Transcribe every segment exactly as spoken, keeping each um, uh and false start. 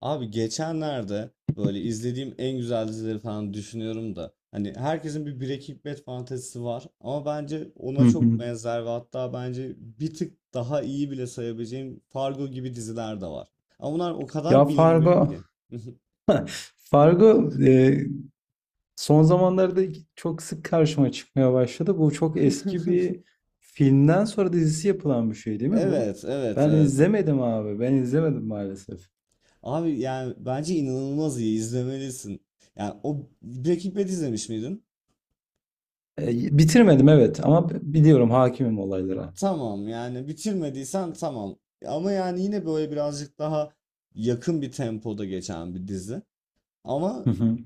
Abi geçenlerde böyle izlediğim en güzel dizileri falan düşünüyorum da hani herkesin bir Breaking Bad fantezisi var ama bence Hı ona çok hı. benzer ve hatta bence bir tık daha iyi bile sayabileceğim Fargo gibi diziler de var. Ama bunlar o Ya kadar bilinmiyor Fargo, ki. Fargo e, son zamanlarda çok sık karşıma çıkmaya başladı. Bu çok eski bir filmden sonra dizisi yapılan bir şey değil mi bu? Evet, evet, Ben evet. izlemedim abi. Ben izlemedim maalesef. Abi yani bence inanılmaz iyi izlemelisin. Yani o Breaking Bad izlemiş miydin? E, Bitirmedim, evet, ama b- biliyorum, hakimim olaylara. Tamam yani bitirmediysen tamam. Ama yani yine böyle birazcık daha yakın bir tempoda geçen bir dizi. Ama Hı hı.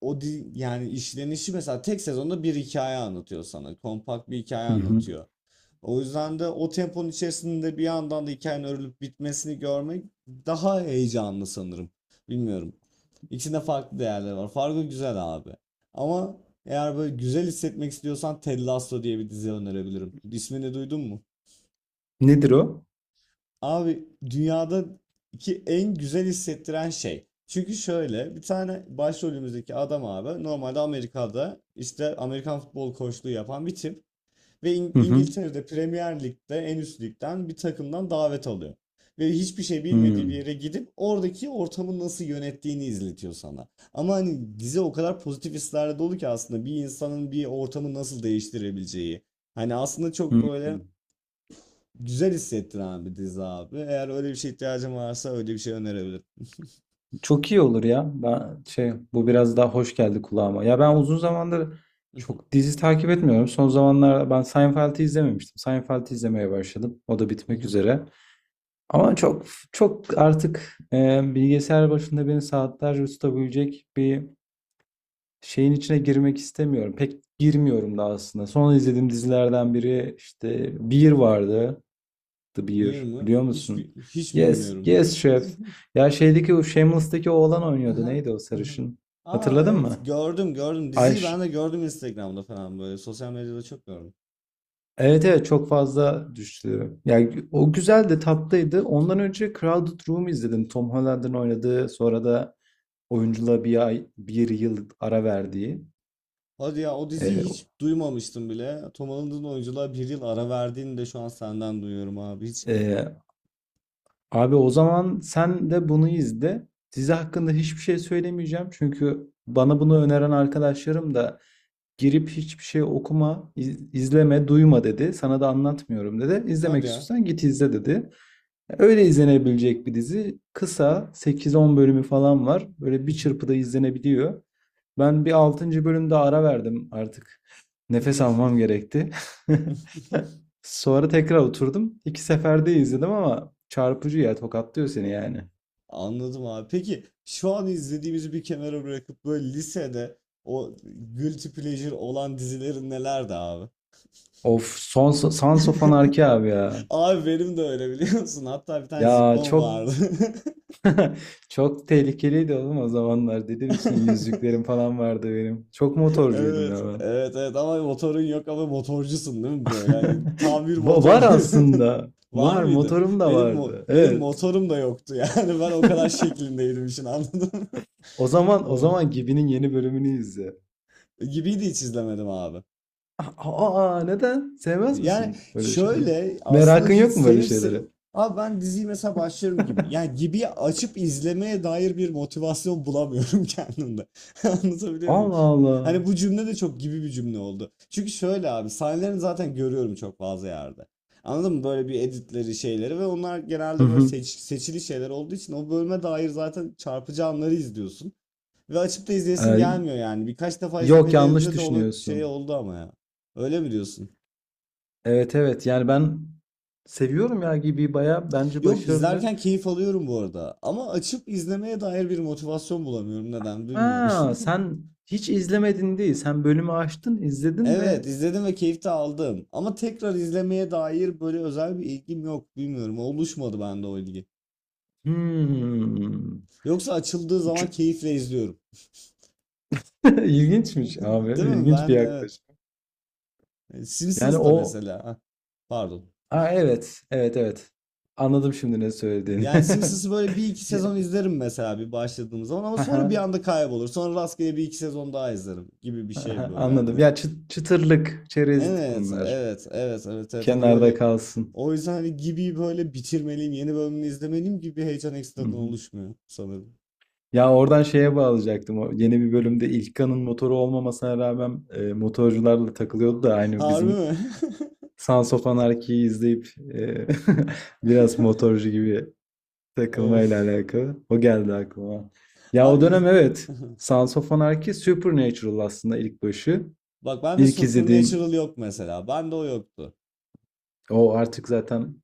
o di yani işlenişi mesela tek sezonda bir hikaye anlatıyor sana. Kompakt bir hikaye Hı hı. anlatıyor. O yüzden de o temponun içerisinde bir yandan da hikayenin örülüp bitmesini görmek daha heyecanlı sanırım. Bilmiyorum. İçinde farklı değerler var. Fargo güzel abi. Ama eğer böyle güzel hissetmek istiyorsan Ted Lasso diye bir dizi önerebilirim. İsmini duydun mu? Nedir o? Abi dünyadaki en güzel hissettiren şey. Çünkü şöyle bir tane başrolümüzdeki adam abi normalde Amerika'da işte Amerikan futbol koçluğu yapan bir tip ve İng- Hı hı. İngiltere'de Premier Lig'de en üst ligden bir takımdan davet alıyor. Ve hiçbir şey Hı. bilmediği bir yere gidip oradaki ortamı nasıl yönettiğini izletiyor sana. Ama hani dizi o kadar pozitif hislerle dolu ki aslında bir insanın bir ortamı nasıl değiştirebileceği. Hani aslında Hı. çok böyle. Güzel hissettiren bir dizi abi. Eğer öyle bir şey ihtiyacım varsa öyle bir şey önerebilirim. Çok iyi olur ya. Ben şey bu biraz daha hoş geldi kulağıma. Ya ben uzun zamandır çok dizi takip etmiyorum. Son zamanlarda ben Seinfeld'i izlememiştim. Seinfeld'i izlemeye başladım. O da bitmek üzere. Ama çok çok artık e, bilgisayar başında beni saatlerce tutabilecek bir şeyin içine girmek istemiyorum. Pek girmiyorum da aslında. Son izlediğim dizilerden biri işte Bir vardı. The Bear, Bir mi? biliyor Hiç bi- musun? hiç Yes, bilmiyorum. yes, chef. Ya şeydeki o Shameless'taki oğlan oynuyordu. Aha, Neydi o aha. sarışın? Aa Hatırladın evet, mı? gördüm gördüm. Ay, Diziyi ş- ben de gördüm Instagram'da falan böyle. Sosyal medyada çok gördüm. evet, evet, çok fazla düştü. Yani o güzeldi, tatlıydı. Ondan önce Crowded Room izledim. Tom Holland'ın oynadığı, sonra da oyunculuğa bir ay, bir yıl ara verdiği. Hadi ya, o Ee, diziyi hiç duymamıştım bile. Tom Holland'ın oyunculuğa bir yıl ara verdiğini de şu an senden duyuyorum abi. Hiç. e, Abi, o zaman sen de bunu izle. Dizi hakkında hiçbir şey söylemeyeceğim. Çünkü bana bunu öneren arkadaşlarım da girip hiçbir şey okuma, iz- izleme, duyma dedi. Sana da anlatmıyorum dedi. İzlemek Hadi ya. istiyorsan git izle dedi. Öyle izlenebilecek bir dizi. Kısa, sekiz on bölümü falan var. Böyle bir çırpıda izlenebiliyor. Ben bir altıncı bölümde ara verdim artık. Nefes almam gerekti. Sonra tekrar oturdum. İki seferde izledim ama çarpıcı ya, tokatlıyor seni yani. Anladım abi. Peki şu an izlediğimizi bir kenara bırakıp böyle lisede o guilty pleasure olan dizilerin nelerdi abi? Of, Sons Sons of Anarchy abi ya. Abi benim de öyle, biliyor musun? Hatta bir tane Ya Zippon çok vardı. Çok tehlikeliydi oğlum o zamanlar. Deli misin? Yüzüklerim falan vardı benim. Çok motorcuydum Evet, ya ben. evet, evet, ama motorun yok ama motorcusun değil mi böyle? Hani tam bir Va- motor. Var aslında. Var Var, mıydı? motorum da Benim mo- vardı. benim Evet. motorum da yoktu yani ben o kadar şeklindeydim işin, anladın mı? O zaman o Of. zaman Gibi'nin yeni bölümünü izle. Gibiydi, hiç izlemedim abi. Aa, aa, neden? Sevmez Yani misin böyle şeyleri? şöyle, aslında Merakın hiç yok mu böyle sevip se- şeylere? abi ben diziyi mesela başlarım gibi. Yani gibi açıp izlemeye dair bir motivasyon bulamıyorum kendimde. Anlatabiliyor muyum? Allah Allah. Hani bu cümle de çok gibi bir cümle oldu. Çünkü şöyle abi, sahnelerini zaten görüyorum çok fazla yerde. Anladın mı? Böyle bir editleri şeyleri ve onlar Hı genelde böyle hı. seç- seçili şeyler olduğu için o bölüme dair zaten çarpıcı anları izliyorsun. Ve açıp da izleyesin Ee, gelmiyor yani. Birkaç defa Yok, izlemeyi yanlış denediğimde de onu şey düşünüyorsun. oldu ama ya. Öyle mi diyorsun? Evet, evet, yani ben seviyorum ya, Gibi baya bence Yok, başarılı. izlerken keyif alıyorum bu arada. Ama açıp izlemeye dair bir motivasyon bulamıyorum. Neden bilmiyorum. Ha, sen hiç izlemedin değil. Sen bölümü açtın, izledin Evet, ve izledim ve keyif de aldım. Ama tekrar izlemeye dair böyle özel bir ilgim yok. Bilmiyorum. Oluşmadı bende o ilgi. hmm. Yoksa açıldığı zaman Ç- keyifle izliyorum. İlginçmiş abi. Değil mi? İlginç bir Ben de evet. yaklaşım. E, Yani Simpsons da o, mesela. Hah. Pardon. ha, evet, evet, evet. Anladım şimdi ne söylediğini. Yani Simpsons'ı böyle bir iki Ya, sezon izlerim mesela bir başladığım zaman, ama haha, sonra bir anda kaybolur. Sonra rastgele bir iki sezon daha izlerim gibi bir şey haha, böyle anladım. hani. Ya, çı- çıtırlık, çerezlik Evet, bunlar. evet, evet, evet, evet. Hani Kenarda böyle kalsın. o yüzden hani gibi böyle bitirmeliyim, yeni bölümünü izlemeliyim gibi bir heyecan Hı ekstradan hı. oluşmuyor sanırım. Ya, oradan şeye bağlayacaktım. O yeni bir Hmm. bölümde İlkan'ın motoru olmamasına rağmen e, motorcularla takılıyordu da aynı Harbi bizim mi? Sons of Anarchy'yi izleyip e, biraz motorcu gibi takılmayla Of. alakalı. O geldi aklıma. Ya o Abi dönem ilk... evet. Sons of Anarchy Supernatural aslında ilk başı. Bak, ben de İlk izlediğim Supernatural yok mesela. Ben de o yoktu. o artık zaten,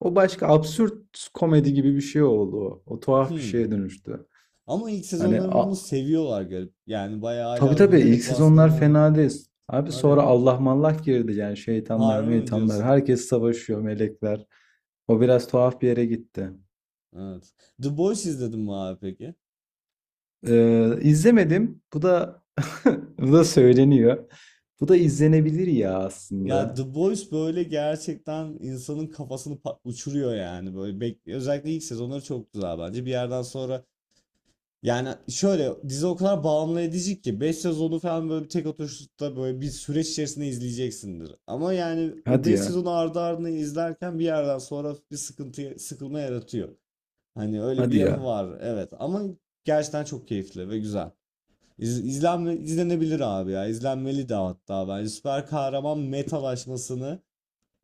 o başka absürt komedi gibi bir şey oldu. O, o tuhaf bir Hmm. şeye dönüştü. Ama ilk Hani, sezonların a, onu seviyorlar, garip. Yani bayağı tabii, hala tabii, ilk övülerek sezonlar bahsedenler var. fena değil. Abi Hadi sonra ya. Allah mallak girdi yani, şeytanlar Harbi mi meytanlar diyorsun? herkes savaşıyor, melekler. O biraz tuhaf bir yere gitti. Evet. The Boys izledin mi abi peki? Eee, izlemedim. Bu da bu da söyleniyor. Bu da izlenebilir ya Ya aslında. The Boys böyle gerçekten insanın kafasını pa- uçuruyor yani, böyle bek- özellikle ilk sezonları çok güzel bence. Bir yerden sonra, yani şöyle, dizi o kadar bağımlı edici ki beş sezonu falan böyle bir tek oturuşta böyle bir süreç içerisinde izleyeceksindir. Ama yani o Hadi beş ya. sezonu ardı ardına izlerken bir yerden sonra bir sıkıntı, sıkılma yaratıyor. Hani öyle bir Hadi yanı ya. var, evet, ama gerçekten çok keyifli ve güzel. İz, izlenme, izlenebilir abi ya, izlenmeli de hatta. Bence süper kahraman metalaşmasını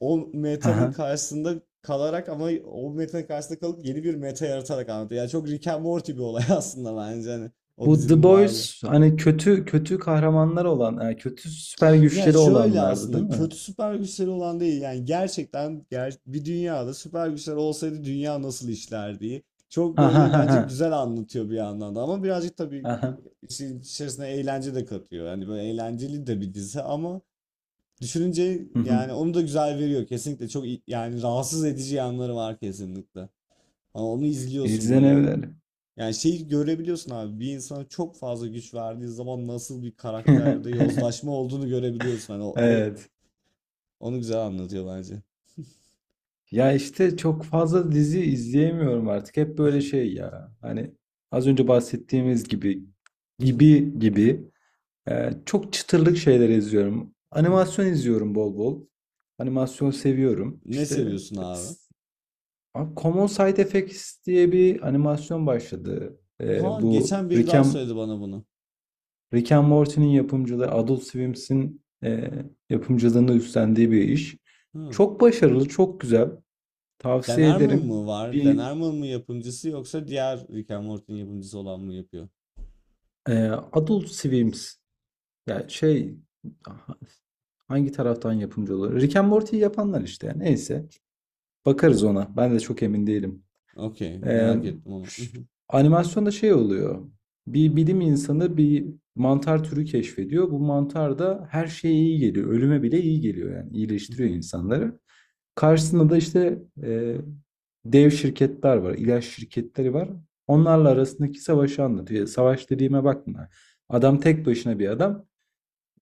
o metanın Haha. karşısında kalarak, ama o metanın karşısında kalıp yeni bir meta yaratarak anlatıyor. Yani çok Rick and Morty bir olay aslında bence, hani o Bu The dizinin varlığı. Boys hani kötü kötü kahramanlar olan, yani kötü süper Ya güçleri şöyle, olanlardı değil aslında mi? kötü süper güçleri olan değil, yani gerçekten ger- bir dünyada süper güçler olsaydı dünya nasıl işlerdi, çok Ha ha böyle ha bence ha. güzel anlatıyor bir yandan da. Ama birazcık tabii Aha. işin içerisine eğlence de katıyor. Yani böyle eğlenceli de bir dizi, ama düşününce, Hı hı. yani onu da güzel veriyor kesinlikle. Çok iyi- yani rahatsız edici yanları var kesinlikle. Ama onu izliyorsun böyle. o- İzlenebilir. Yani şeyi görebiliyorsun abi. Bir insana çok fazla güç verdiği zaman nasıl bir karakterde yozlaşma olduğunu görebiliyorsun. Hani o, o- Evet. onu güzel anlatıyor bence. Ya işte, çok fazla dizi izleyemiyorum artık. Hep böyle şey ya. Hani, az önce bahsettiğimiz gibi gibi gibi. Ee, çok çıtırlık şeyler izliyorum. Animasyon izliyorum bol bol. Animasyon seviyorum. Ne İşte, seviyorsun e, abi? s- abi, Common Side Effects diye bir animasyon başladı. Ee, Ha, Bu, geçen biri Rick daha and, söyledi bana bunu. Rick and Morty'nin yapımcılığı, Adult Swim'in e, yapımcılığını üstlendiği bir iş. Hı. Çok başarılı, çok güzel. Dan Tavsiye Harmon ederim. var? Bir Dan mı yapımcısı, yoksa diğer Rick and Morty'nin yapımcısı olan mı yapıyor? e, Adult Swim, yani şey, hangi taraftan yapımcı olur? Rick and Morty'yi yapanlar işte. Neyse. Bakarız ona. Ben de çok emin değilim. Okey, Ee, merak ettim onu. Animasyonda şey oluyor. Bir bilim insanı bir mantar türü keşfediyor. Bu mantar da her şeye iyi geliyor. Ölüme bile iyi geliyor yani. İyileştiriyor insanları. Karşısında da işte, e, dev şirketler var, İlaç şirketleri var. Onlarla arasındaki savaşı anlatıyor. Savaş dediğime bakma. Adam tek başına bir adam.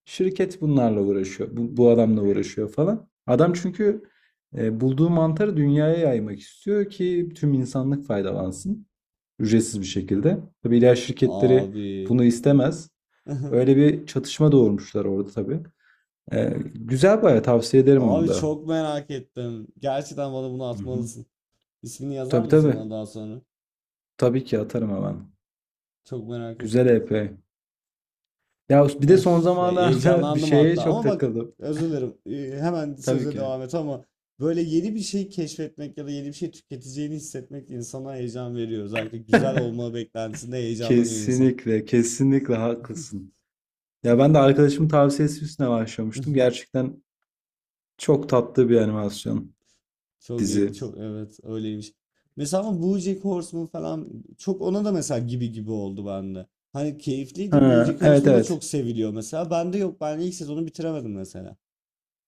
Şirket bunlarla uğraşıyor. Bu, bu adamla uğraşıyor falan. Adam çünkü e, bulduğu mantarı dünyaya yaymak istiyor ki tüm insanlık faydalansın. Ücretsiz bir şekilde. Tabii ilaç şirketleri Abi. bunu istemez. Öyle bir çatışma doğurmuşlar orada tabii. E, güzel, bayağı tavsiye ederim onu Abi da. çok merak ettim. Gerçekten bana bunu Hı hı. atmalısın. İsmini yazar Tabii mısın tabii. bana daha sonra? Tabii ki atarım hemen. Çok merak Güzel ettim. E P. Ya bir de son Of, zamanlarda bir heyecanlandım şeye hatta. çok Ama bak, takıldım. özür dilerim. Ee, Hemen Tabii söze ki. devam et, ama böyle yeni bir şey keşfetmek ya da yeni bir şey tüketeceğini hissetmek insana heyecan veriyor. Özellikle güzel olma beklentisinde heyecanlanıyor insan. Kesinlikle, kesinlikle haklısın. Ya ben de arkadaşımın tavsiyesi üstüne başlamıştım. Gerçekten çok tatlı bir animasyon Çok e, dizi. çok evet, öyleymiş. Mesela ama BoJack Horseman falan, çok ona da mesela gibi gibi oldu bende. Hani keyifliydi. Ha, BoJack evet, Horseman da evet. çok seviliyor mesela. Bende yok. Ben ilk sezonu bitiremedim mesela.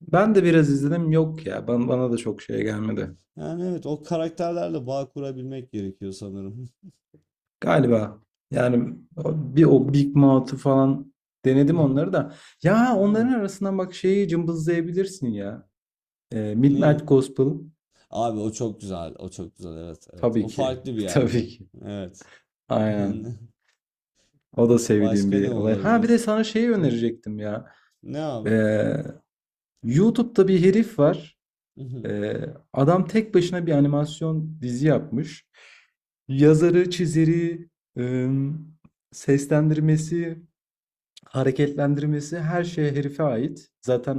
Ben de biraz izledim. Yok ya. Bana, bana da çok şey gelmedi. Yani evet, o karakterlerle bağ kurabilmek gerekiyor sanırım. Galiba. Yani, o- bir o Big Mouth'u falan denedim, onları da. Ya, Evet. onların arasından bak şeyi cımbızlayabilirsin ya. Ee, Niye? Midnight Gospel. Abi o çok güzel. O çok güzel. Evet, evet. O Tabii ki. farklı bir yerde. Tabii ki. Evet. Aynen. O da sevdiğim Başka ne bir olay. Ha, bir olabilir? de sana şeyi Hı. önerecektim ya. Ne abi? Ee, YouTube'da bir herif var. Hı hı, Ee, Adam tek başına bir animasyon dizi yapmış. Yazarı, çizeri, ım, seslendirmesi, hareketlendirmesi, her şey herife ait.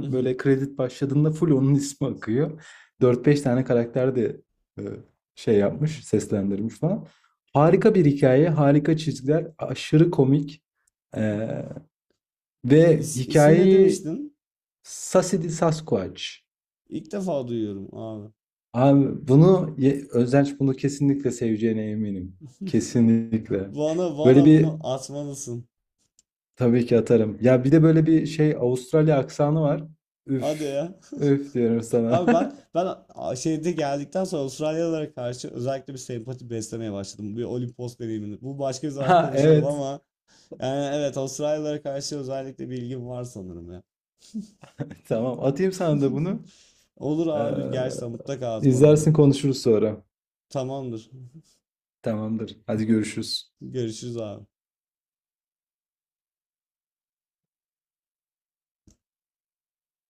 hı hı, böyle kredi başladığında full onun ismi akıyor. Dört beş tane karakter de e, şey hı hı. yapmış, seslendirmiş falan. Harika bir hikaye, harika çizgiler, aşırı komik. Ee, Ve İs, ismi ne hikayeyi, demiştin? Sassy the Sasquatch. İlk defa duyuyorum abi. Abi, bunu Ye- Özdenç bunu kesinlikle seveceğine eminim. Kesinlikle. Bana Böyle bana bir, bunu atmalısın. tabii ki atarım. Ya bir de böyle bir şey, Avustralya aksanı var. Hadi Üf. ya. Üf diyorum sana. Abi ben ben a- şeyde geldikten sonra Avustralyalılara karşı özellikle bir sempati beslemeye başladım. Bir Olimpos deneyimini. Bu başka bir zaman Ha, konuşalım, evet. ama yani evet, Avustralyalılara karşı özellikle bir ilgim var sanırım ya. Tamam. Atayım sana da bunu. Olur abi, gerçekten mutlaka Ee, at bana bunu. izlersin konuşuruz sonra. Tamamdır. Tamamdır. Hadi görüşürüz. Görüşürüz abi.